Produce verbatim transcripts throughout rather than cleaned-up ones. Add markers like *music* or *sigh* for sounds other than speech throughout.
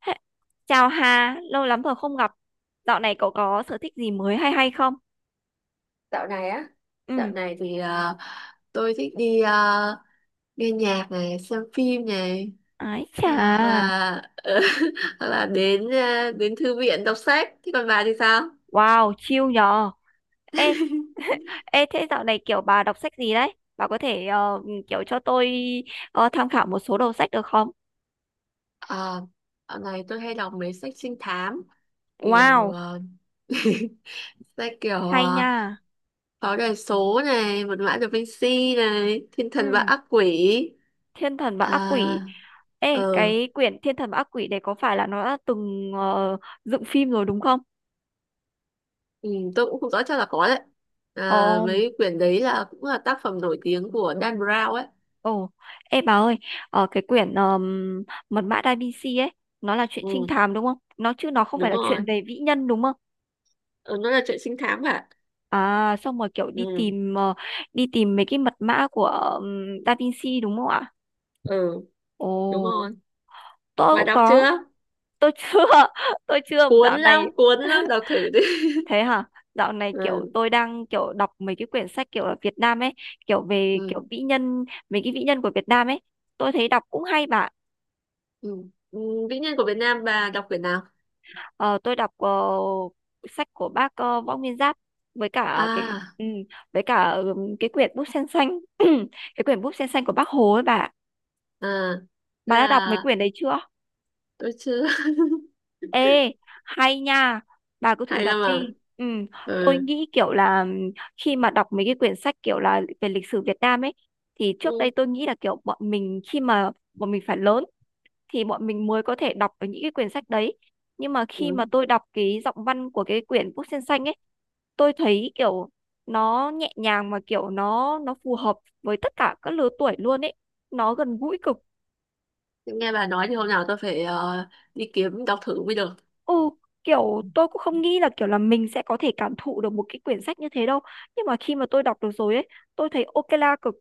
Hê, chào Hà, lâu lắm rồi không gặp. Dạo này cậu có sở thích gì mới hay hay không? Dạo này á, Dạo Ừ, này thì ờ, tôi thích đi ờ, nghe nhạc này, xem phim này, ái hoặc chà, là *laughs* hoặc là đến ờ, đến thư viện đọc sách. Thế còn bà thì sao? wow, chill nhờ. Ê, *laughs* *laughs* ê thế dạo này kiểu bà đọc sách gì đấy? Bà có thể ờ, kiểu cho tôi ờ, tham khảo một số đầu sách được không? Ờ, dạo này tôi hay đọc mấy sách trinh thám kiểu Wow, ờ, *laughs* sách kiểu hay uh, nha. Pháo đài số này, Mật mã Da Vinci này, Thiên thần và Ừ, ác quỷ. Thiên thần và ác quỷ. À. Ê, ờ cái quyển Thiên thần và ác quỷ đấy có phải là nó đã từng ờ, dựng phim rồi đúng không? Ừ, tôi cũng không rõ, chắc là có đấy. À, Ồ. mấy quyển đấy là cũng là tác phẩm nổi tiếng của Dan Brown ấy. Ồ, ê bà ơi, ở cái quyển um, Mật mã Da Vinci ấy, nó là chuyện trinh Ừ, thám đúng không? Nó chứ nó không phải đúng là chuyện rồi. về vĩ nhân đúng không? Ừ, nó là chuyện trinh thám cả. À, xong rồi kiểu đi Ừ, tìm ờ, đi tìm mấy cái mật mã của ừm, Da Vinci đúng không ạ? ừ, đúng Ồ, rồi. tôi Bà cũng đọc có, chưa? tôi chưa, *laughs* tôi chưa Cuốn dạo lắm, này. cuốn lắm, *laughs* đọc thử đi. *laughs* Thế hả? Dạo này kiểu Ừ, tôi đang kiểu đọc mấy cái quyển sách kiểu ở Việt Nam ấy, kiểu về ừ, kiểu vĩ nhân, mấy cái vĩ nhân của Việt Nam ấy, tôi thấy đọc cũng hay bà. ừ. Ừ, vĩ nhân của Việt Nam bà đọc quyển nào? Ờ, tôi đọc ờ, sách của bác ờ, Võ Nguyên Giáp với cả cái, À, ừ, với cả ừ, cái quyển bút sen xanh *clears throat* cái quyển bút sen xanh của bác Hồ ấy bà. à, thế Bà đã đọc mấy là quyển đấy chưa? tôi chưa. *laughs* Ê, hay nha, bà cứ thử Hay đọc lắm mà. đi, ừ, tôi Ừ. nghĩ kiểu là ừm, khi mà đọc mấy cái quyển sách kiểu là về lịch sử Việt Nam ấy thì trước đây Ừ. tôi nghĩ là kiểu bọn mình khi mà bọn mình phải lớn thì bọn mình mới có thể đọc ở những cái quyển sách đấy, nhưng mà khi mà Ừ. tôi đọc cái giọng văn của cái quyển bút sen xanh ấy, tôi thấy kiểu nó nhẹ nhàng mà kiểu nó nó phù hợp với tất cả các lứa tuổi luôn ấy, nó gần gũi cực. Nghe bà nói thì hôm nào tôi phải ờ, đi kiếm đọc thử mới được. Ừ, kiểu tôi cũng không nghĩ là kiểu là mình sẽ có thể cảm thụ được một cái quyển sách như thế đâu, nhưng mà khi mà tôi đọc được rồi ấy, tôi thấy ok la cực.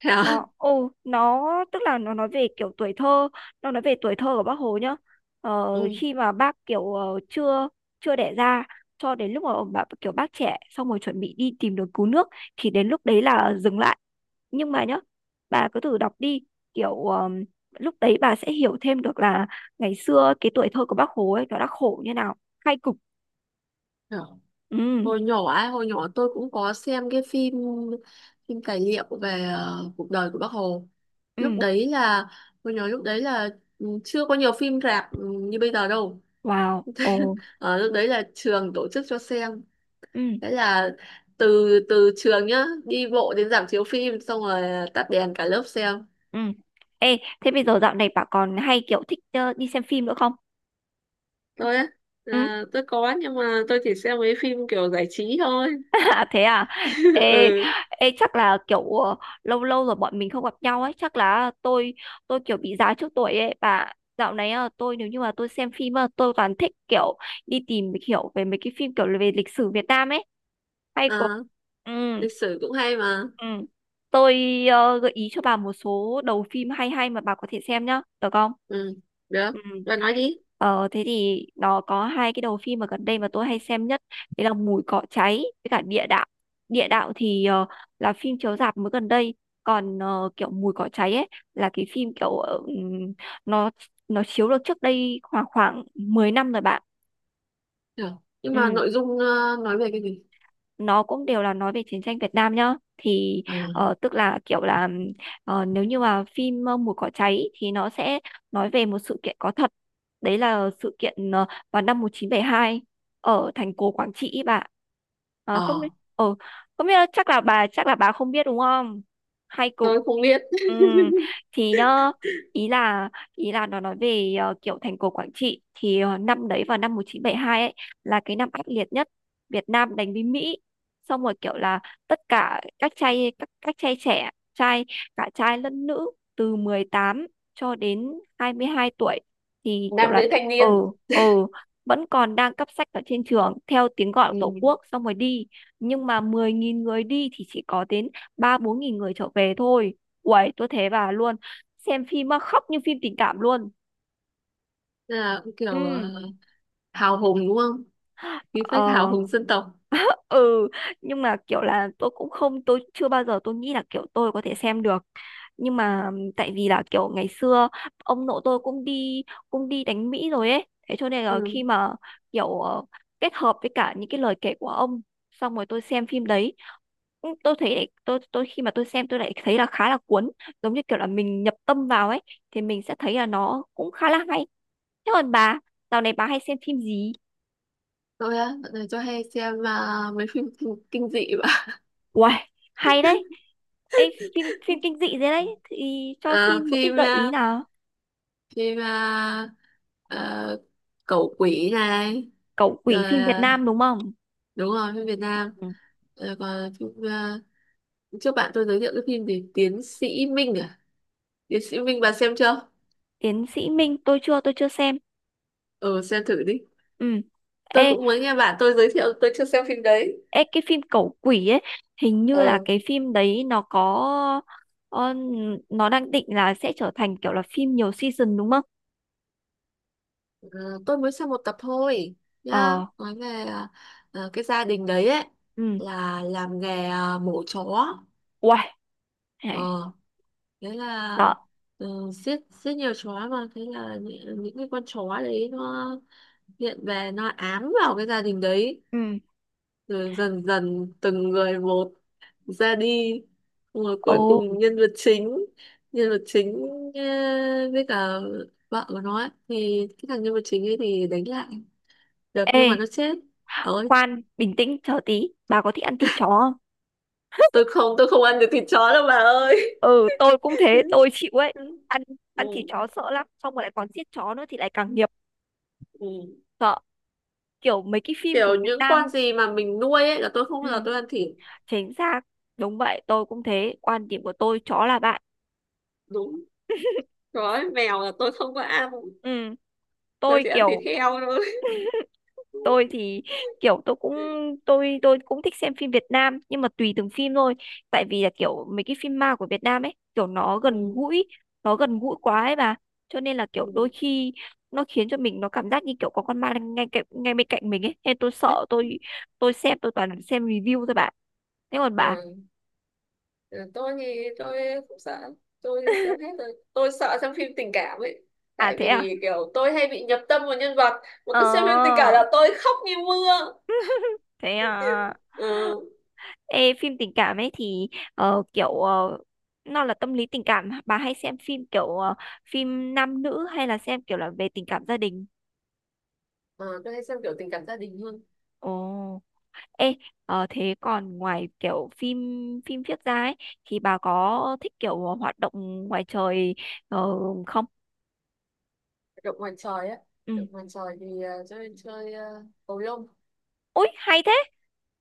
*laughs* Thế à? Nó, ồ, nó tức là nó nói về kiểu tuổi thơ, nó nói về tuổi thơ của bác Hồ nhá. Ờ, khi mà bác kiểu ờ, chưa chưa đẻ ra, cho đến lúc mà ông bà kiểu bác trẻ xong rồi chuẩn bị đi tìm đường cứu nước thì đến lúc đấy là dừng lại. Nhưng mà nhá, bà cứ thử đọc đi, kiểu ờm, lúc đấy bà sẽ hiểu thêm được là ngày xưa cái tuổi thơ của bác Hồ ấy nó đã khổ như nào. Khai cục, Ừ. ừ. Hồi nhỏ ấy, hồi nhỏ tôi cũng có xem cái phim phim tài liệu về ờ, cuộc đời của Bác Hồ. Lúc Ừ. đấy là hồi nhỏ, lúc đấy là ừ, chưa có nhiều phim rạp ừ, như bây giờ đâu. Wow. Ồ. Ờ, lúc đấy là trường tổ chức cho xem. Ừ. Thế là từ từ trường nhá, đi bộ đến rạp chiếu phim xong rồi tắt đèn cả lớp xem. Ừ. Ê, thế bây giờ dạo này bà còn hay kiểu thích ờ, đi xem phim nữa không? Tôi á? Ừ. À, tôi có nhưng mà tôi chỉ xem mấy phim kiểu giải trí thôi. *laughs* À, thế à? *laughs* Ê, Ừ, ê chắc là kiểu ờ, lâu lâu rồi bọn mình không gặp nhau ấy, chắc là tôi tôi kiểu bị già trước tuổi ấy bà. Dạo này ờ, tôi nếu như mà tôi xem phim ờ, tôi toàn thích kiểu đi tìm hiểu về mấy cái phim kiểu về lịch sử Việt Nam ấy. Hay có. à, Ừ, lịch sử cũng hay mà. ừ. Tôi ờ, gợi ý cho bà một số đầu phim hay hay mà bà có thể xem nhá, được không? Ừ, được. Ừ. Bạn nói đi. Ờ, thế thì nó có hai cái đầu phim mà gần đây mà tôi hay xem nhất đấy là mùi cỏ cháy với cả địa đạo. Địa đạo thì ờ, là phim chiếu rạp mới gần đây, còn ờ, kiểu mùi cỏ cháy ấy là cái phim kiểu ờ, ừm, nó nó chiếu được trước đây khoảng khoảng mười năm rồi bạn. Được. Nhưng mà Ừ, nội dung ờ, nói về cái gì? nó cũng đều là nói về chiến tranh Việt Nam nhá thì À, ờ, tức là kiểu là ờ, nếu như mà phim ờ, Mùa cỏ cháy thì nó sẽ nói về một sự kiện có thật, đấy là sự kiện ờ, vào năm một nghìn chín trăm bảy mươi hai ở thành cổ Quảng Trị ý bà. Ờ, không biết ờ, ờ, không biết là, chắc là bà chắc là bà không biết đúng không. Hay cục. tôi không biết. ừ, *laughs* thì nhá, ý là ý là nó nói về ờ, kiểu thành cổ Quảng Trị thì ờ, năm đấy vào năm một nghìn chín trăm bảy mươi hai ấy là cái năm ác liệt nhất Việt Nam đánh với Mỹ, xong rồi kiểu là tất cả các trai các, các trai trẻ trai, cả trai lẫn nữ từ mười tám cho đến hai mươi hai tuổi thì kiểu Nam là nữ thanh ờ niên. ờ vẫn còn đang cấp sách ở trên trường theo tiếng gọi của Ừ. Tổ quốc xong rồi đi, nhưng mà mười nghìn người đi thì chỉ có đến ba bốn nghìn người trở về thôi. Uầy, tôi thế bà luôn. Xem phim mà khóc như phim tình cảm luôn. Nên là cũng kiểu Ừ. ờ, hào hùng đúng không? Khí phách hào Ờ. hùng dân tộc. Ừ. Nhưng mà kiểu là tôi cũng không, tôi chưa bao giờ tôi nghĩ là kiểu tôi có thể xem được, nhưng mà tại vì là kiểu ngày xưa ông nội tôi cũng đi, cũng đi đánh Mỹ rồi ấy, thế cho nên là Ừ. khi mà kiểu ờ, kết hợp với cả những cái lời kể của ông, xong rồi tôi xem phim đấy, ừ, tôi thấy lại, tôi tôi khi mà tôi xem tôi lại thấy là khá là cuốn, giống như kiểu là mình nhập tâm vào ấy thì mình sẽ thấy là nó cũng khá là hay. Thế còn bà, dạo này bà hay xem phim gì? Tôi á? Dạo này tôi hay xem ờ, mấy phim *laughs* kinh, kinh dị và Uầy, hay đấy. Ê, phim phim kinh dị *laughs* thế đấy thì cho à, xin một ít phim gợi ý ờ, nào. phim ờ, ờ, cẩu quỷ này. Cẩu quỷ Rồi phim Việt ờ, Nam đúng không? đúng rồi, phim Việt Nam. Ừ. Rồi còn phim ờ, trước bạn tôi giới thiệu cái phim gì? Tiến sĩ Minh à? Tiến sĩ Minh bà xem chưa? Tiến sĩ Minh tôi chưa tôi chưa xem. Ừ, xem thử đi. Ừ. Tôi ê, cũng mới nghe bạn tôi giới thiệu, tôi chưa xem phim đấy. ê cái phim cẩu quỷ ấy hình như là Ờ, cái phim đấy nó có, ờ, nó đang định là sẽ trở thành kiểu là phim nhiều season đúng không? à, tôi mới xem một tập thôi nhá. Ờ. Nói về à, à, cái gia đình đấy ấy Ừ. là làm nghề à, mổ chó. Uầy này, Ờ, thế là sợ. ừ, giết giết nhiều chó, mà thế là những, những cái con chó đấy nó hiện về nó ám vào cái gia đình đấy, Ừ. rồi dần dần từng người một ra đi, rồi Ồ. cuối cùng nhân vật chính nhân vật chính ờ, với cả vợ của nó ấy, thì cái thằng nhân vật chính ấy thì đánh lại được nhưng Ê, mà nó chết. Ôi. khoan bình tĩnh chờ tí, bà có thích ăn thịt chó không? Tôi không tôi không ăn được thịt chó đâu bà ơi. Ừ, tôi cũng thế *laughs* tôi chịu ấy. Ăn ăn thịt Ừ, chó sợ lắm, xong rồi lại còn giết chó nữa thì lại càng nghiệp. ừ. Sợ. Kiểu mấy cái phim của Kiểu Việt những con Nam. gì mà mình nuôi ấy là tôi không Ừ, bao giờ tôi ăn thịt. chính xác, đúng vậy, tôi cũng thế, quan điểm của tôi chó là bạn. Đúng rồi, mèo là tôi không có ăn, Ừ, tôi tôi chỉ ăn thịt kiểu heo thôi. tôi thì *laughs* kiểu tôi cũng tôi tôi cũng thích xem phim Việt Nam nhưng mà tùy từng phim thôi, tại vì là kiểu mấy cái phim ma của Việt Nam ấy kiểu nó gần Ừ, gũi, nó gần gũi quá ấy bà, cho nên là kiểu đôi ừ. khi nó khiến cho mình nó cảm giác như kiểu có con ma đang ngay cạnh ngay bên cạnh mình ấy, nên tôi sợ, tôi tôi xem tôi toàn xem review thôi bạn. Thế còn bà? Ừ. Ừ, tôi thì tôi không sợ, tôi xem hết rồi, tôi sợ xem phim tình cảm ấy, À, tại thế à? vì kiểu tôi hay bị nhập tâm vào nhân vật, mà Ờ. cứ xem phim tình cảm là tôi khóc như mưa. *laughs* Thế à? Ừ. Ê, phim tình cảm ấy thì ờ, kiểu ờ, nó là tâm lý tình cảm, bà hay xem phim kiểu ờ, phim nam nữ hay là xem kiểu là về tình cảm gia đình? Ờ, tôi hay xem kiểu tình cảm gia đình hơn. Ồ. Ê, ờ, thế còn ngoài kiểu phim phim viết ra ấy thì bà có thích kiểu hoạt động ngoài trời ờ, không? Động ngoài trời á? Ừ. Động ngoài trời thì ờ, chơi chơi ờ, cầu lông. Ui, hay thế.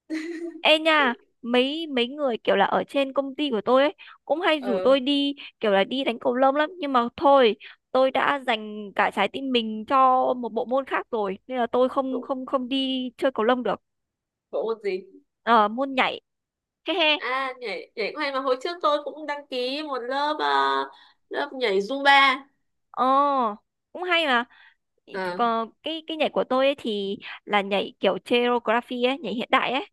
*laughs* Ê nha, mấy mấy người kiểu là ở trên công ty của tôi ấy cũng hay rủ ờ tôi đi kiểu là đi đánh cầu lông lắm, nhưng mà thôi, tôi đã dành cả trái tim mình cho một bộ môn khác rồi nên là tôi không bộ, không không đi chơi cầu lông được. bộ môn gì? Ờ, môn nhảy. *laughs* He he. À, nhảy nhảy cũng hay mà, hồi trước tôi cũng đăng ký một lớp, ờ, lớp nhảy Zumba. Ờ, cũng hay mà. Ờ. Còn cái cái nhảy của tôi ấy thì là nhảy kiểu choreography ấy, nhảy hiện đại ấy.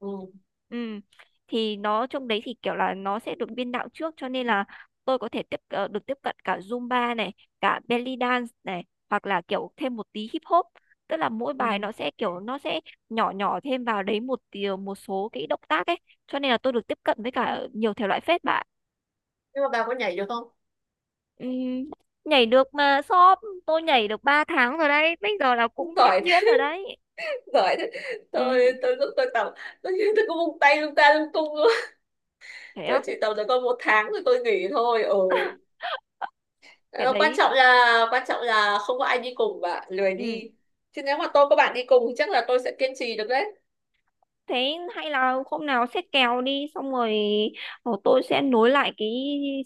Ừ. Ừ. Thì nó trong đấy thì kiểu là nó sẽ được biên đạo trước, cho nên là tôi có thể tiếp ờ, được tiếp cận cả Zumba này, cả belly dance này, hoặc là kiểu thêm một tí hip hop. Tức là mỗi bài Ừ. nó sẽ kiểu nó sẽ nhỏ nhỏ thêm vào đấy một tí, một số cái động tác ấy, cho nên là tôi được tiếp cận với cả nhiều thể loại phết bạn. Nhưng mà bà có nhảy được không? Ừm, nhảy được mà shop, tôi nhảy được ba tháng rồi đấy. Bây giờ là cũng nhuyễn Giỏi. nhuyễn rồi đấy. Giỏi thế. Ừ, tôi tôi cũng tôi tập, tôi như tôi cũng vung tay lung ta lung tung luôn. thế Tôi á, chỉ tập được có một tháng rồi tôi nghỉ thôi. Ừ. cái Ờ, quan đấy. trọng là quan trọng là không có ai đi cùng và lười Ừ. đi, chứ nếu mà tôi có bạn đi cùng thì chắc là tôi sẽ kiên trì được đấy. Thế hay là hôm nào xét kèo đi, xong rồi ờ, tôi sẽ nối lại cái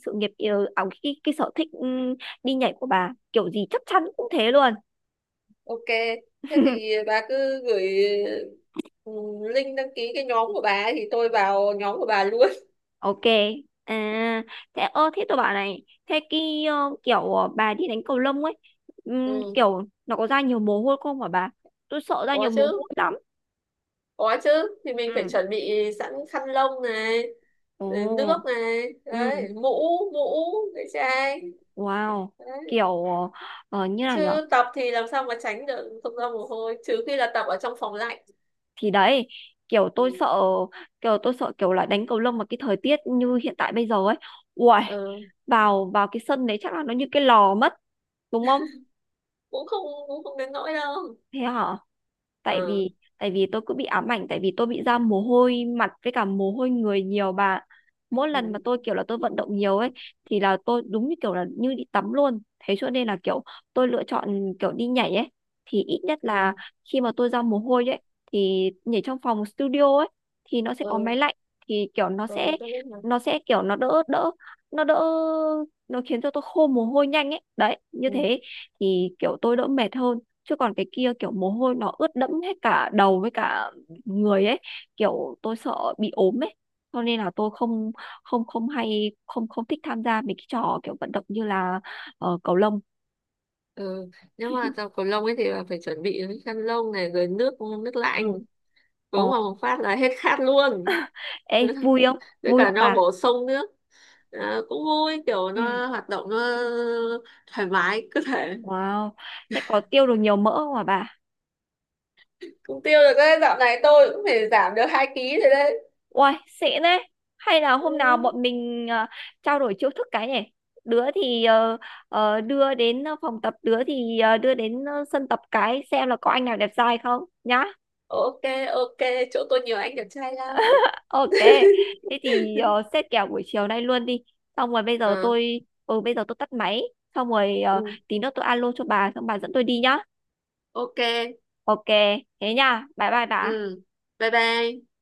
sự nghiệp, ờ, à, cái, cái sở thích ừ, đi nhảy của bà, kiểu gì chắc chắn cũng thế luôn. Ok. Thế thì *laughs* bà cứ gửi ừ, link đăng ký cái nhóm của bà ấy thì tôi vào nhóm của bà luôn. Ok. À, thế ơ thế tôi bảo này, thế cái ờ, kiểu ờ, bà đi đánh cầu lông ấy, Ừ. ừm, kiểu nó có ra nhiều mồ hôi không hả bà? Tôi sợ ra Có nhiều mồ hôi chứ, lắm. có chứ, thì mình phải Ừ. chuẩn bị sẵn khăn lông này, rồi Ồ. nước này Ừ. đấy, mũ mũ, cái chai Wow. đấy. Kiểu ờ, ờ, như nào nhỉ? Chứ tập thì làm sao mà tránh được không ra mồ hôi, trừ khi là tập ở trong phòng lạnh. Thì đấy, kiểu tôi Ừ. sợ kiểu tôi sợ kiểu là đánh cầu lông mà cái thời tiết như hiện tại bây giờ ấy, uầy, Ừ. vào vào cái sân đấy chắc là nó như cái lò mất, đúng không? cũng không cũng không đến nỗi đâu. Thế hả? tại Ừ. vì tại vì tôi cứ bị ám ảnh, tại vì tôi bị ra mồ hôi mặt với cả mồ hôi người nhiều bà. Mỗi Ừ. lần mà tôi kiểu là tôi vận động nhiều ấy thì là tôi đúng như kiểu là như đi tắm luôn, thế cho nên là kiểu tôi lựa chọn kiểu đi nhảy ấy, thì ít nhất Ừ. là khi mà tôi ra mồ hôi ấy thì nhảy trong phòng studio ấy thì nó sẽ có Ừ. máy lạnh, thì kiểu nó Ừ. sẽ Tôi biết mà. nó sẽ kiểu nó đỡ đỡ, nó đỡ, nó khiến cho tôi khô mồ hôi nhanh ấy đấy như Ừ. thế, thì kiểu tôi đỡ mệt hơn, chứ còn cái kia kiểu mồ hôi nó ướt đẫm hết cả đầu với cả người ấy, kiểu tôi sợ bị ốm ấy, cho nên là tôi không không không hay không không thích tham gia mấy cái trò kiểu vận động như là ờ, cầu lông. Ừ. Nếu mà tập cầu lông ấy thì là phải chuẩn bị cái khăn lông này, rồi nước nước lạnh Ừ. uống ờ, vào một phát là hết khát luôn. ê vui không? *laughs* Với Vui cả không nó bà? bổ sung nước. Ờ, cũng vui, kiểu Ừ. nó hoạt động nó thoải mái cơ thể. Wow, thế có tiêu được nhiều mỡ không hả bà? Cũng tiêu được đấy, dạo này tôi cũng phải giảm được hai ký rồi đấy. Uầy, xịn đấy. Hay là Ừ. hôm nào bọn mình ờ, trao đổi chiêu thức cái nhỉ? Đứa thì ờ, ờ, đưa đến ờ, phòng tập, đứa thì ờ, đưa đến ờ, sân tập cái xem là có anh nào đẹp trai không nhá. Ok, ok, chỗ tôi nhiều anh đẹp trai lắm. Ok. Thế thì ờ, xếp kèo buổi chiều nay luôn đi. Xong rồi bây giờ Ờ. tôi ừ bây giờ tôi tắt máy, xong rồi ờ, Ừ. tí nữa tôi alo cho bà xong bà dẫn tôi đi nhá. Ok. Ok, thế nha. Bye bye Ừ. bà. Bye bye.